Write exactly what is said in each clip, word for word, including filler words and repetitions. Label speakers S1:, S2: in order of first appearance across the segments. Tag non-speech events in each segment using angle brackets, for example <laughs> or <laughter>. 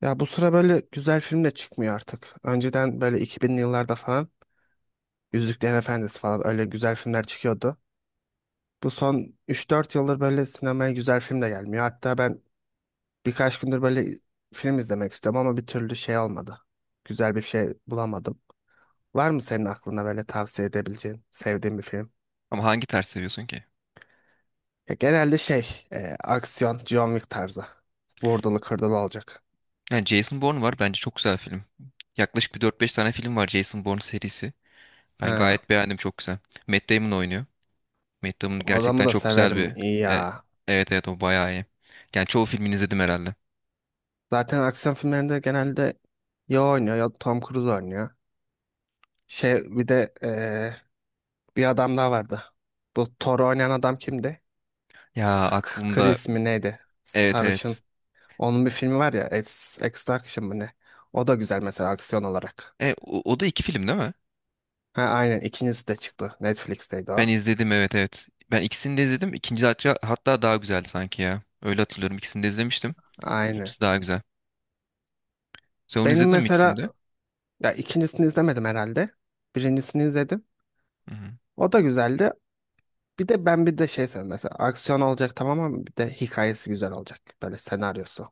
S1: Ya bu sıra böyle güzel film de çıkmıyor artık. Önceden böyle iki binli yıllarda falan Yüzüklerin Efendisi falan öyle güzel filmler çıkıyordu. Bu son üç dört yıldır böyle sinemaya güzel film de gelmiyor. Hatta ben birkaç gündür böyle film izlemek istiyorum ama bir türlü şey olmadı. Güzel bir şey bulamadım. Var mı senin aklında böyle tavsiye edebileceğin, sevdiğin bir film?
S2: Ama hangi tarz seviyorsun ki?
S1: Ya genelde şey, e, aksiyon, John Wick tarzı. Vurdulu kırdılı olacak.
S2: Yani Jason Bourne var bence çok güzel film. Yaklaşık bir dört beş tane film var, Jason Bourne serisi. Ben
S1: Ha,
S2: gayet beğendim, çok güzel. Matt Damon oynuyor. Matt Damon
S1: o adamı
S2: gerçekten
S1: da
S2: çok güzel
S1: severim
S2: bir...
S1: iyi
S2: E,
S1: ya.
S2: evet evet, o bayağı iyi. Yani çoğu filmini izledim herhalde.
S1: Zaten aksiyon filmlerinde genelde ya o oynuyor ya Tom Cruise oynuyor. Şey bir de eee, bir adam daha vardı. Bu Thor oynayan adam kimdi?
S2: Ya
S1: K K-
S2: aklımda...
S1: Chris mi neydi?
S2: Evet evet.
S1: Sarışın. Onun bir filmi var ya Ex Extraction mı ne? O da güzel mesela aksiyon olarak.
S2: E, o, o da iki film değil mi?
S1: Ha, aynen, ikincisi de çıktı. Netflix'teydi
S2: Ben
S1: o.
S2: izledim, evet evet. Ben ikisini de izledim. İkinci hatta, hatta daha güzeldi sanki ya. Öyle hatırlıyorum. İkisini de izlemiştim.
S1: Aynen.
S2: İkincisi daha güzel. Sen onu
S1: Benim
S2: izledin mi, ikisini
S1: mesela
S2: de?
S1: ya ikincisini izlemedim herhalde. Birincisini izledim.
S2: Hı hı.
S1: O da güzeldi. Bir de ben bir de şey seviyorum mesela aksiyon olacak tamam ama bir de hikayesi güzel olacak. Böyle senaryosu.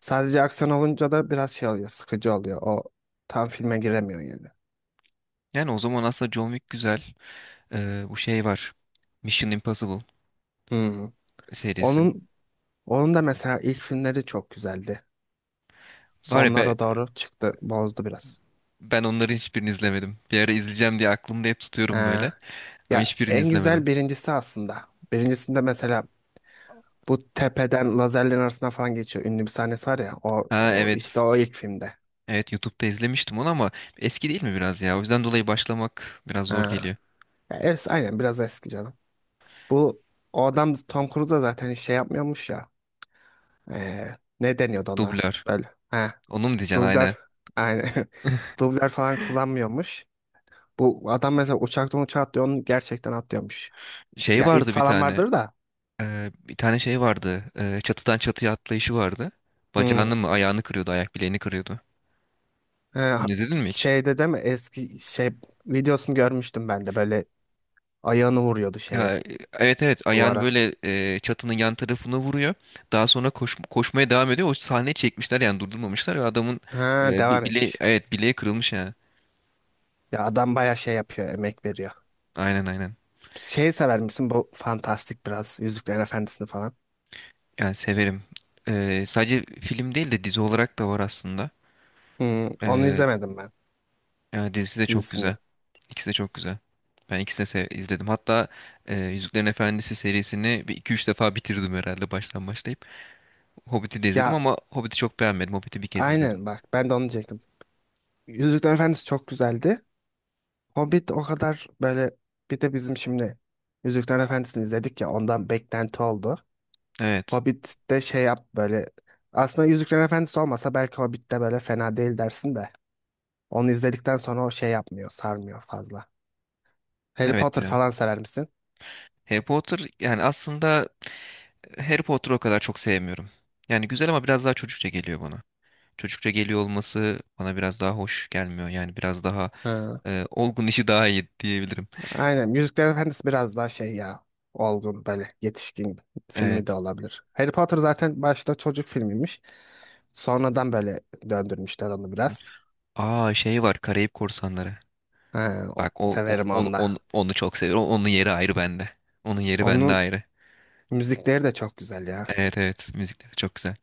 S1: Sadece aksiyon olunca da biraz şey oluyor, sıkıcı oluyor. O tam filme giremiyor yani.
S2: Yani o zaman aslında John Wick güzel. Ee, bu şey var. Mission Impossible
S1: Hmm.
S2: serisi.
S1: Onun onun da mesela ilk filmleri çok güzeldi.
S2: Var ya be,
S1: Sonlara doğru çıktı, bozdu biraz.
S2: ben onları hiçbirini izlemedim. Bir ara izleyeceğim diye aklımda hep tutuyorum
S1: Ee,
S2: böyle. Ama
S1: ya
S2: hiçbirini
S1: en güzel
S2: izlemedim.
S1: birincisi aslında. Birincisinde mesela bu tepeden lazerlerin arasına falan geçiyor. Ünlü bir sahnesi var ya. O,
S2: Ha,
S1: o işte
S2: evet.
S1: o ilk filmde.
S2: Evet, YouTube'da izlemiştim onu ama eski değil mi biraz ya? O yüzden dolayı başlamak biraz zor
S1: Ha.
S2: geliyor.
S1: Ya es, aynen biraz eski canım. Bu o adam Tom Cruise da zaten hiç şey yapmıyormuş ya. Ee, ne deniyordu ona?
S2: Dublör.
S1: Böyle. He.
S2: Onu mu diyeceksin, aynen.
S1: Dublör aynen. <laughs> Dublör falan kullanmıyormuş. Bu adam mesela uçaktan uçağa atlıyor. Onu gerçekten atlıyormuş.
S2: Şey
S1: Ya ip
S2: vardı bir
S1: falan
S2: tane.
S1: vardır da.
S2: Ee, bir tane şey vardı. Ee, çatıdan çatıya atlayışı vardı.
S1: Hmm.
S2: Bacağını mı, ayağını kırıyordu, ayak bileğini kırıyordu.
S1: Ee, ha-
S2: Onu izledin mi hiç?
S1: şeyde değil mi? Eski şey videosunu görmüştüm ben de. Böyle ayağını vuruyordu şeye
S2: Ya e, evet evet, ayağını
S1: duvara.
S2: böyle e, çatının yan tarafına vuruyor. Daha sonra koş, koşmaya devam ediyor. O sahneyi çekmişler yani, durdurmamışlar. Ve adamın
S1: Ha,
S2: e, bi-
S1: devam
S2: bile,
S1: etmiş.
S2: evet, bileği kırılmış ya.
S1: Ya adam baya şey yapıyor. Emek veriyor.
S2: Aynen aynen.
S1: Şeyi sever misin? Bu fantastik biraz. Yüzüklerin Efendisi'ni falan.
S2: Yani severim. E, sadece film değil de dizi olarak da var aslında.
S1: Hmm, onu
S2: E,
S1: izlemedim ben
S2: Yani dizisi de çok
S1: dizisini.
S2: güzel. İkisi de çok güzel. Ben ikisini de sev- izledim. Hatta e, Yüzüklerin Efendisi serisini bir iki üç defa bitirdim herhalde, baştan başlayıp. Hobbit'i de izledim
S1: Ya
S2: ama Hobbit'i çok beğenmedim. Hobbit'i bir kez izledim.
S1: aynen bak ben de onu diyecektim. Yüzüklerin Efendisi çok güzeldi. Hobbit o kadar böyle bir de bizim şimdi Yüzüklerin Efendisi'ni izledik ya ondan beklenti oldu.
S2: Evet.
S1: Hobbit'te şey yap böyle aslında Yüzüklerin Efendisi olmasa belki Hobbit'te böyle fena değil dersin de onu izledikten sonra o şey yapmıyor, sarmıyor fazla. Harry
S2: Evet
S1: Potter
S2: ya.
S1: falan sever misin?
S2: Harry Potter, yani aslında Harry Potter'ı o kadar çok sevmiyorum. Yani güzel ama biraz daha çocukça geliyor bana. Çocukça geliyor olması bana biraz daha hoş gelmiyor. Yani biraz daha
S1: Ha.
S2: e, olgun <laughs> işi daha iyi diyebilirim.
S1: Aynen. Yüzükler Efendisi biraz daha şey ya. Olgun böyle yetişkin filmi de
S2: Evet.
S1: olabilir. Harry Potter zaten başta çocuk filmiymiş. Sonradan böyle döndürmüşler onu biraz.
S2: Aa, şey var, Karayip Korsanları.
S1: Ha, o-
S2: Bak o, o-
S1: severim
S2: onu,
S1: onu
S2: onu,
S1: da.
S2: onu çok seviyorum. Onun yeri ayrı bende. Onun yeri bende
S1: Onun
S2: ayrı.
S1: müzikleri de çok güzel ya.
S2: Evet evet, müzikleri çok güzel.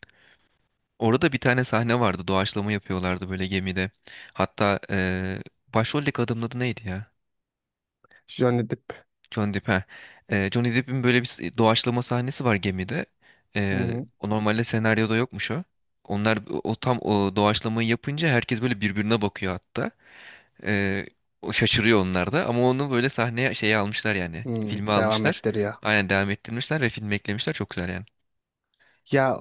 S2: Orada bir tane sahne vardı. Doğaçlama yapıyorlardı böyle gemide. Hatta e, başroldeki adamın adı neydi ya?
S1: Johnny Depp,
S2: Johnny Depp. He. Ee, Johnny Depp'in böyle bir s- doğaçlama sahnesi var gemide.
S1: hı
S2: Ee,
S1: hı,
S2: O normalde senaryoda yokmuş o. Onlar o tam o doğaçlamayı yapınca herkes böyle birbirine bakıyor hatta. Ee, O şaşırıyor, onlar da, ama onu böyle sahneye şeye almışlar yani.
S1: hı,
S2: Filme
S1: devam
S2: almışlar.
S1: ettiriyor.
S2: Aynen, devam ettirmişler ve filme eklemişler. Çok güzel yani.
S1: Ya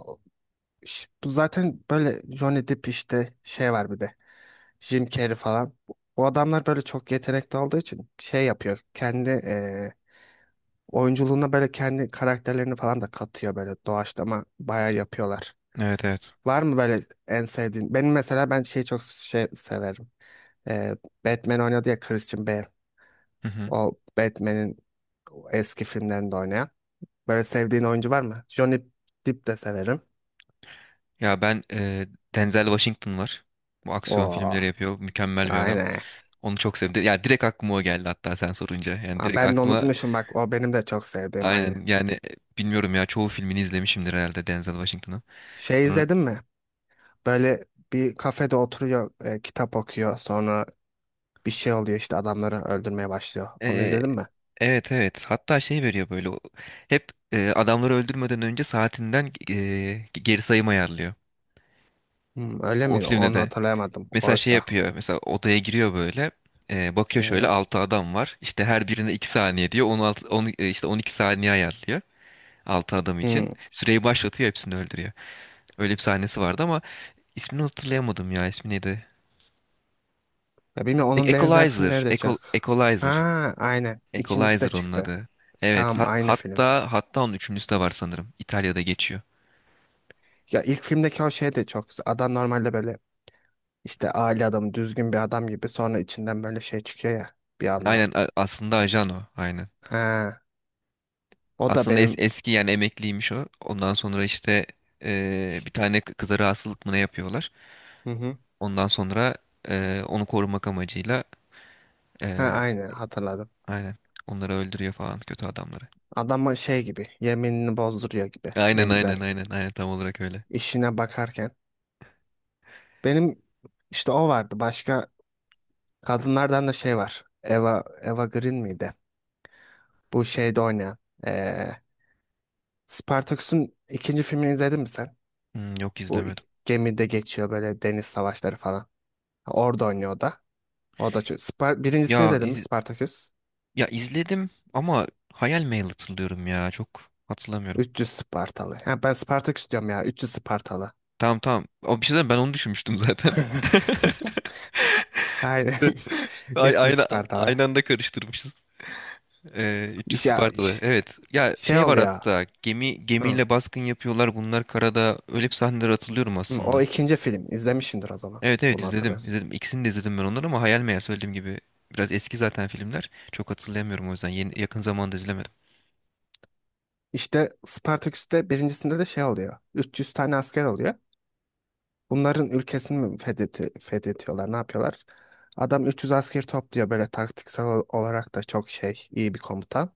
S1: ş- bu zaten böyle Johnny Depp işte şey var bir de. Jim Carrey falan. O adamlar böyle çok yetenekli olduğu için şey yapıyor. Kendi oyunculuğuna böyle kendi karakterlerini falan da katıyor, böyle doğaçlama bayağı yapıyorlar.
S2: Evet evet.
S1: Var mı böyle en sevdiğin? Benim mesela ben şeyi çok şey severim. Ee, Batman oynadı ya, Christian Bale.
S2: Hı hı.
S1: O Batman'in eski filmlerinde oynayan. Böyle sevdiğin oyuncu var mı? Johnny Depp de severim.
S2: Ya ben e, Denzel Washington var. Bu aksiyon
S1: Oo,
S2: filmleri yapıyor. Mükemmel bir adam.
S1: aynen.
S2: Onu çok sevdim. Ya direkt aklıma o geldi hatta sen sorunca. Yani
S1: Aa,
S2: direkt
S1: ben de
S2: aklıma.
S1: unutmuşum bak, o benim de çok sevdiğim aynı.
S2: Aynen, yani e, bilmiyorum ya, çoğu filmini izlemişimdir herhalde Denzel Washington'ın.
S1: Şey
S2: Sonra
S1: izledin mi? Böyle bir kafede oturuyor, e, kitap okuyor. Sonra bir şey oluyor, işte adamları öldürmeye başlıyor.
S2: e,
S1: Onu
S2: e,
S1: izledin mi?
S2: evet evet, hatta şey veriyor böyle o- hep e, adamları öldürmeden önce saatinden e, geri sayım ayarlıyor.
S1: Hmm, öyle
S2: O
S1: mi?
S2: filmde
S1: Onu
S2: de
S1: hatırlayamadım
S2: mesela şey
S1: oysa.
S2: yapıyor, mesela odaya giriyor böyle, e, bakıyor şöyle
S1: Hmm,
S2: altı adam var işte, her birine iki saniye diyor, on altı, on, e, işte on iki saniye ayarlıyor, altı adam
S1: hmm.
S2: için süreyi başlatıyor, hepsini öldürüyor. Öyle bir sahnesi vardı ama ismini hatırlayamadım ya, ismi neydi?
S1: Ya bilmiyorum
S2: E-
S1: onun benzer
S2: Equalizer,
S1: filmleri de
S2: Equal-
S1: çık? Ha,
S2: Equalizer.
S1: aynen. İkincisi de
S2: Equalizer onun
S1: çıktı.
S2: adı. Evet,
S1: Tamam,
S2: ha-
S1: aynı film.
S2: hatta hatta onun üçüncüsü de var sanırım. İtalya'da geçiyor.
S1: Ya ilk filmdeki o şey de çok güzel. Adam normalde böyle işte aile adamı, düzgün bir adam gibi, sonra içinden böyle şey çıkıyor ya bir anda.
S2: Aynen, a- aslında ajan o. Aynen.
S1: Ha, o da
S2: Aslında es-
S1: benim,
S2: eski, yani emekliymiş o. Ondan sonra işte eee, bir tane kı- kıza rahatsızlık mı ne yapıyorlar.
S1: hı hı.
S2: Ondan sonra eee, onu korumak amacıyla
S1: Ha,
S2: eee,
S1: aynı hatırladım.
S2: aynen, onları öldürüyor falan, kötü adamları.
S1: Adama şey gibi yeminini bozduruyor gibi. Ne
S2: Aynen
S1: güzel.
S2: aynen aynen aynen, tam olarak öyle.
S1: İşine bakarken. Benim işte o vardı. Başka kadınlardan da şey var. Eva, Eva Green miydi? Bu şeyde oynayan. Ee, Spartaküs'ün ikinci filmini izledin mi sen?
S2: Hmm, yok,
S1: Bu
S2: izlemedim.
S1: ik- gemide geçiyor, böyle deniz savaşları falan. Orada oynuyor o da. O da çok. Spar Birincisini
S2: Ya
S1: izledin mi
S2: iz-
S1: Spartaküs?
S2: ya izledim ama hayal meyil hatırlıyorum ya, çok hatırlamıyorum.
S1: üç yüz Spartalı. Ha, ben Spartaküs diyorum ya. üç yüz Spartalı.
S2: Tamam tamam. O, bir şey diyeyim, ben onu düşünmüştüm zaten. <laughs>
S1: <laughs> Aynen. <laughs>
S2: Ay,
S1: üç yüz
S2: aynı,
S1: Spartalı.
S2: aynı anda karıştırmışız. Ee, üç yüz
S1: İş ya
S2: Spartalı.
S1: iş-
S2: Evet. Ya
S1: şey
S2: şey var
S1: oluyor.
S2: hatta. Gemi
S1: Hı.
S2: gemiyle baskın yapıyorlar. Bunlar karada. Öyle bir sahneleri hatırlıyorum
S1: Hı, o
S2: aslında.
S1: ikinci film. İzlemişsindir o zaman.
S2: Evet evet,
S1: Bunu
S2: izledim.
S1: hatırlıyorsun.
S2: İzledim. İkisini de izledim ben onları ama hayal meyal, söylediğim gibi. Biraz eski zaten filmler. Çok hatırlayamıyorum o yüzden. Yeni, yakın zamanda izlemedim.
S1: İşte Spartaküs'te birincisinde de şey oluyor. üç yüz tane asker oluyor. Bunların ülkesini mi fethetti, fethediyorlar, ne yapıyorlar? Adam üç yüz asker topluyor böyle taktiksel ol- olarak da çok şey, iyi bir komutan.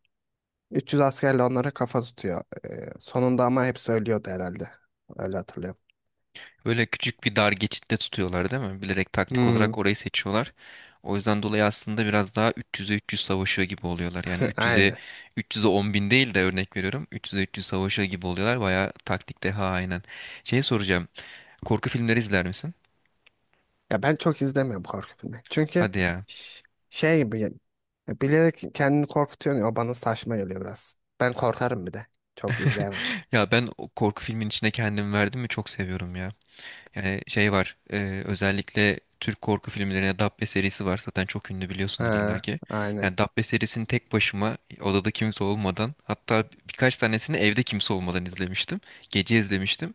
S1: üç yüz askerle onlara kafa tutuyor. Ee, sonunda ama hepsi ölüyordu herhalde. Öyle hatırlıyorum.
S2: Böyle küçük bir dar geçitte tutuyorlar değil mi? Bilerek taktik
S1: Hmm,
S2: olarak orayı seçiyorlar. O yüzden dolayı aslında biraz daha üç yüze üç yüz savaşıyor gibi oluyorlar. Yani
S1: <laughs>
S2: 300'e
S1: aynen.
S2: 300'e 10 bin değil de, örnek veriyorum. üç yüze üç yüz savaşıyor gibi oluyorlar. Bayağı taktik deha, aynen. Şey soracağım. Korku filmleri izler misin?
S1: Ya ben çok izlemiyorum korku filmi. Çünkü
S2: Hadi ya.
S1: ş- şey gibi ya, bilerek kendini korkutuyor ya, o bana saçma geliyor biraz. Ben korkarım bir de. Çok izleyemem.
S2: Ya ben o korku filmin içine kendimi verdim mi çok seviyorum ya. Yani şey var, e, özellikle Türk korku filmlerine, Dabbe serisi var zaten, çok ünlü, biliyorsundur
S1: Ha,
S2: illaki.
S1: aynen.
S2: Yani Dabbe serisini tek başıma odada kimse olmadan, hatta birkaç tanesini evde kimse olmadan izlemiştim. Gece izlemiştim.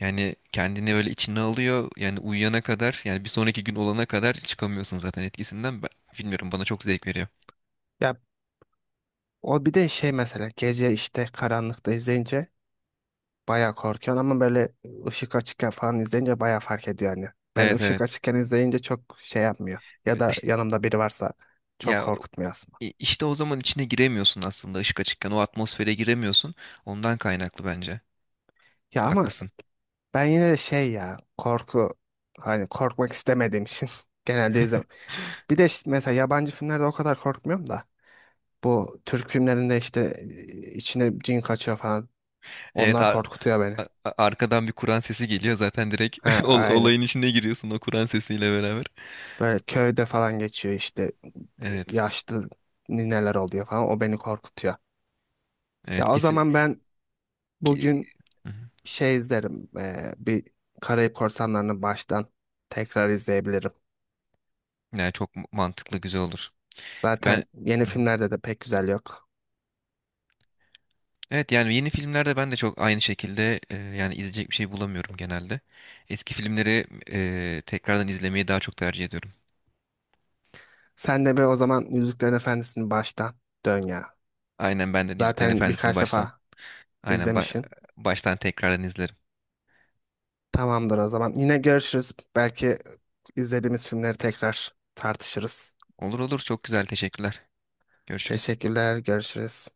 S2: Yani kendini böyle içine alıyor, yani uyuyana kadar, yani bir sonraki gün olana kadar çıkamıyorsun zaten etkisinden. Ben, bilmiyorum, bana çok zevk veriyor.
S1: Ya o bir de şey, mesela gece işte karanlıkta izleyince bayağı korkuyorsun ama böyle ışık açıkken falan izleyince bayağı fark ediyor yani. Ben
S2: Evet
S1: ışık
S2: evet.
S1: açıkken izleyince çok şey yapmıyor. Ya
S2: E,
S1: da
S2: iş-
S1: yanımda biri varsa çok
S2: Ya o-
S1: korkutmuyor aslında.
S2: i- işte, o zaman içine giremiyorsun aslında, ışık açıkken o atmosfere giremiyorsun. Ondan kaynaklı bence.
S1: Ya ama
S2: Haklısın.
S1: ben yine de şey ya, korku, hani korkmak istemediğim için <laughs> genelde
S2: <laughs>
S1: izlem. Bir de ş- mesela yabancı filmlerde o kadar korkmuyorum da bu Türk filmlerinde işte, e, içine cin kaçıyor falan,
S2: Evet,
S1: onlar
S2: ar-
S1: korkutuyor beni.
S2: a- a- arkadan bir Kur'an sesi geliyor zaten, direkt
S1: Ha,
S2: <laughs> ol-
S1: aynen.
S2: olayın içine giriyorsun o Kur'an sesiyle beraber.
S1: Böyle köyde falan geçiyor işte,
S2: Evet.
S1: yaşlı nineler oluyor falan. O beni korkutuyor.
S2: Evet,
S1: Ya o
S2: kesin
S1: zaman ben
S2: ki.
S1: bugün
S2: Hı hı.
S1: şey izlerim. Eee, bir Karayip Korsanları'nı baştan tekrar izleyebilirim.
S2: Yani çok mantıklı, güzel olur. Ben.
S1: Zaten yeni
S2: Hı hı.
S1: filmlerde de pek güzel yok.
S2: Evet, yani yeni filmlerde ben de çok aynı şekilde, e, yani izleyecek bir şey bulamıyorum genelde. Eski filmleri e, tekrardan izlemeyi daha çok tercih ediyorum.
S1: Sen de bir o zaman Yüzüklerin Efendisi'ni baştan dön ya.
S2: Aynen, ben de Yüzüklerin
S1: Zaten
S2: Efendisi'ni
S1: birkaç
S2: baştan.
S1: defa
S2: Aynen, ba-
S1: izlemişsin.
S2: baştan tekrardan izlerim.
S1: Tamamdır o zaman. Yine görüşürüz. Belki izlediğimiz filmleri tekrar tartışırız.
S2: Olur olur, çok güzel, teşekkürler. Görüşürüz.
S1: Teşekkürler. Görüşürüz.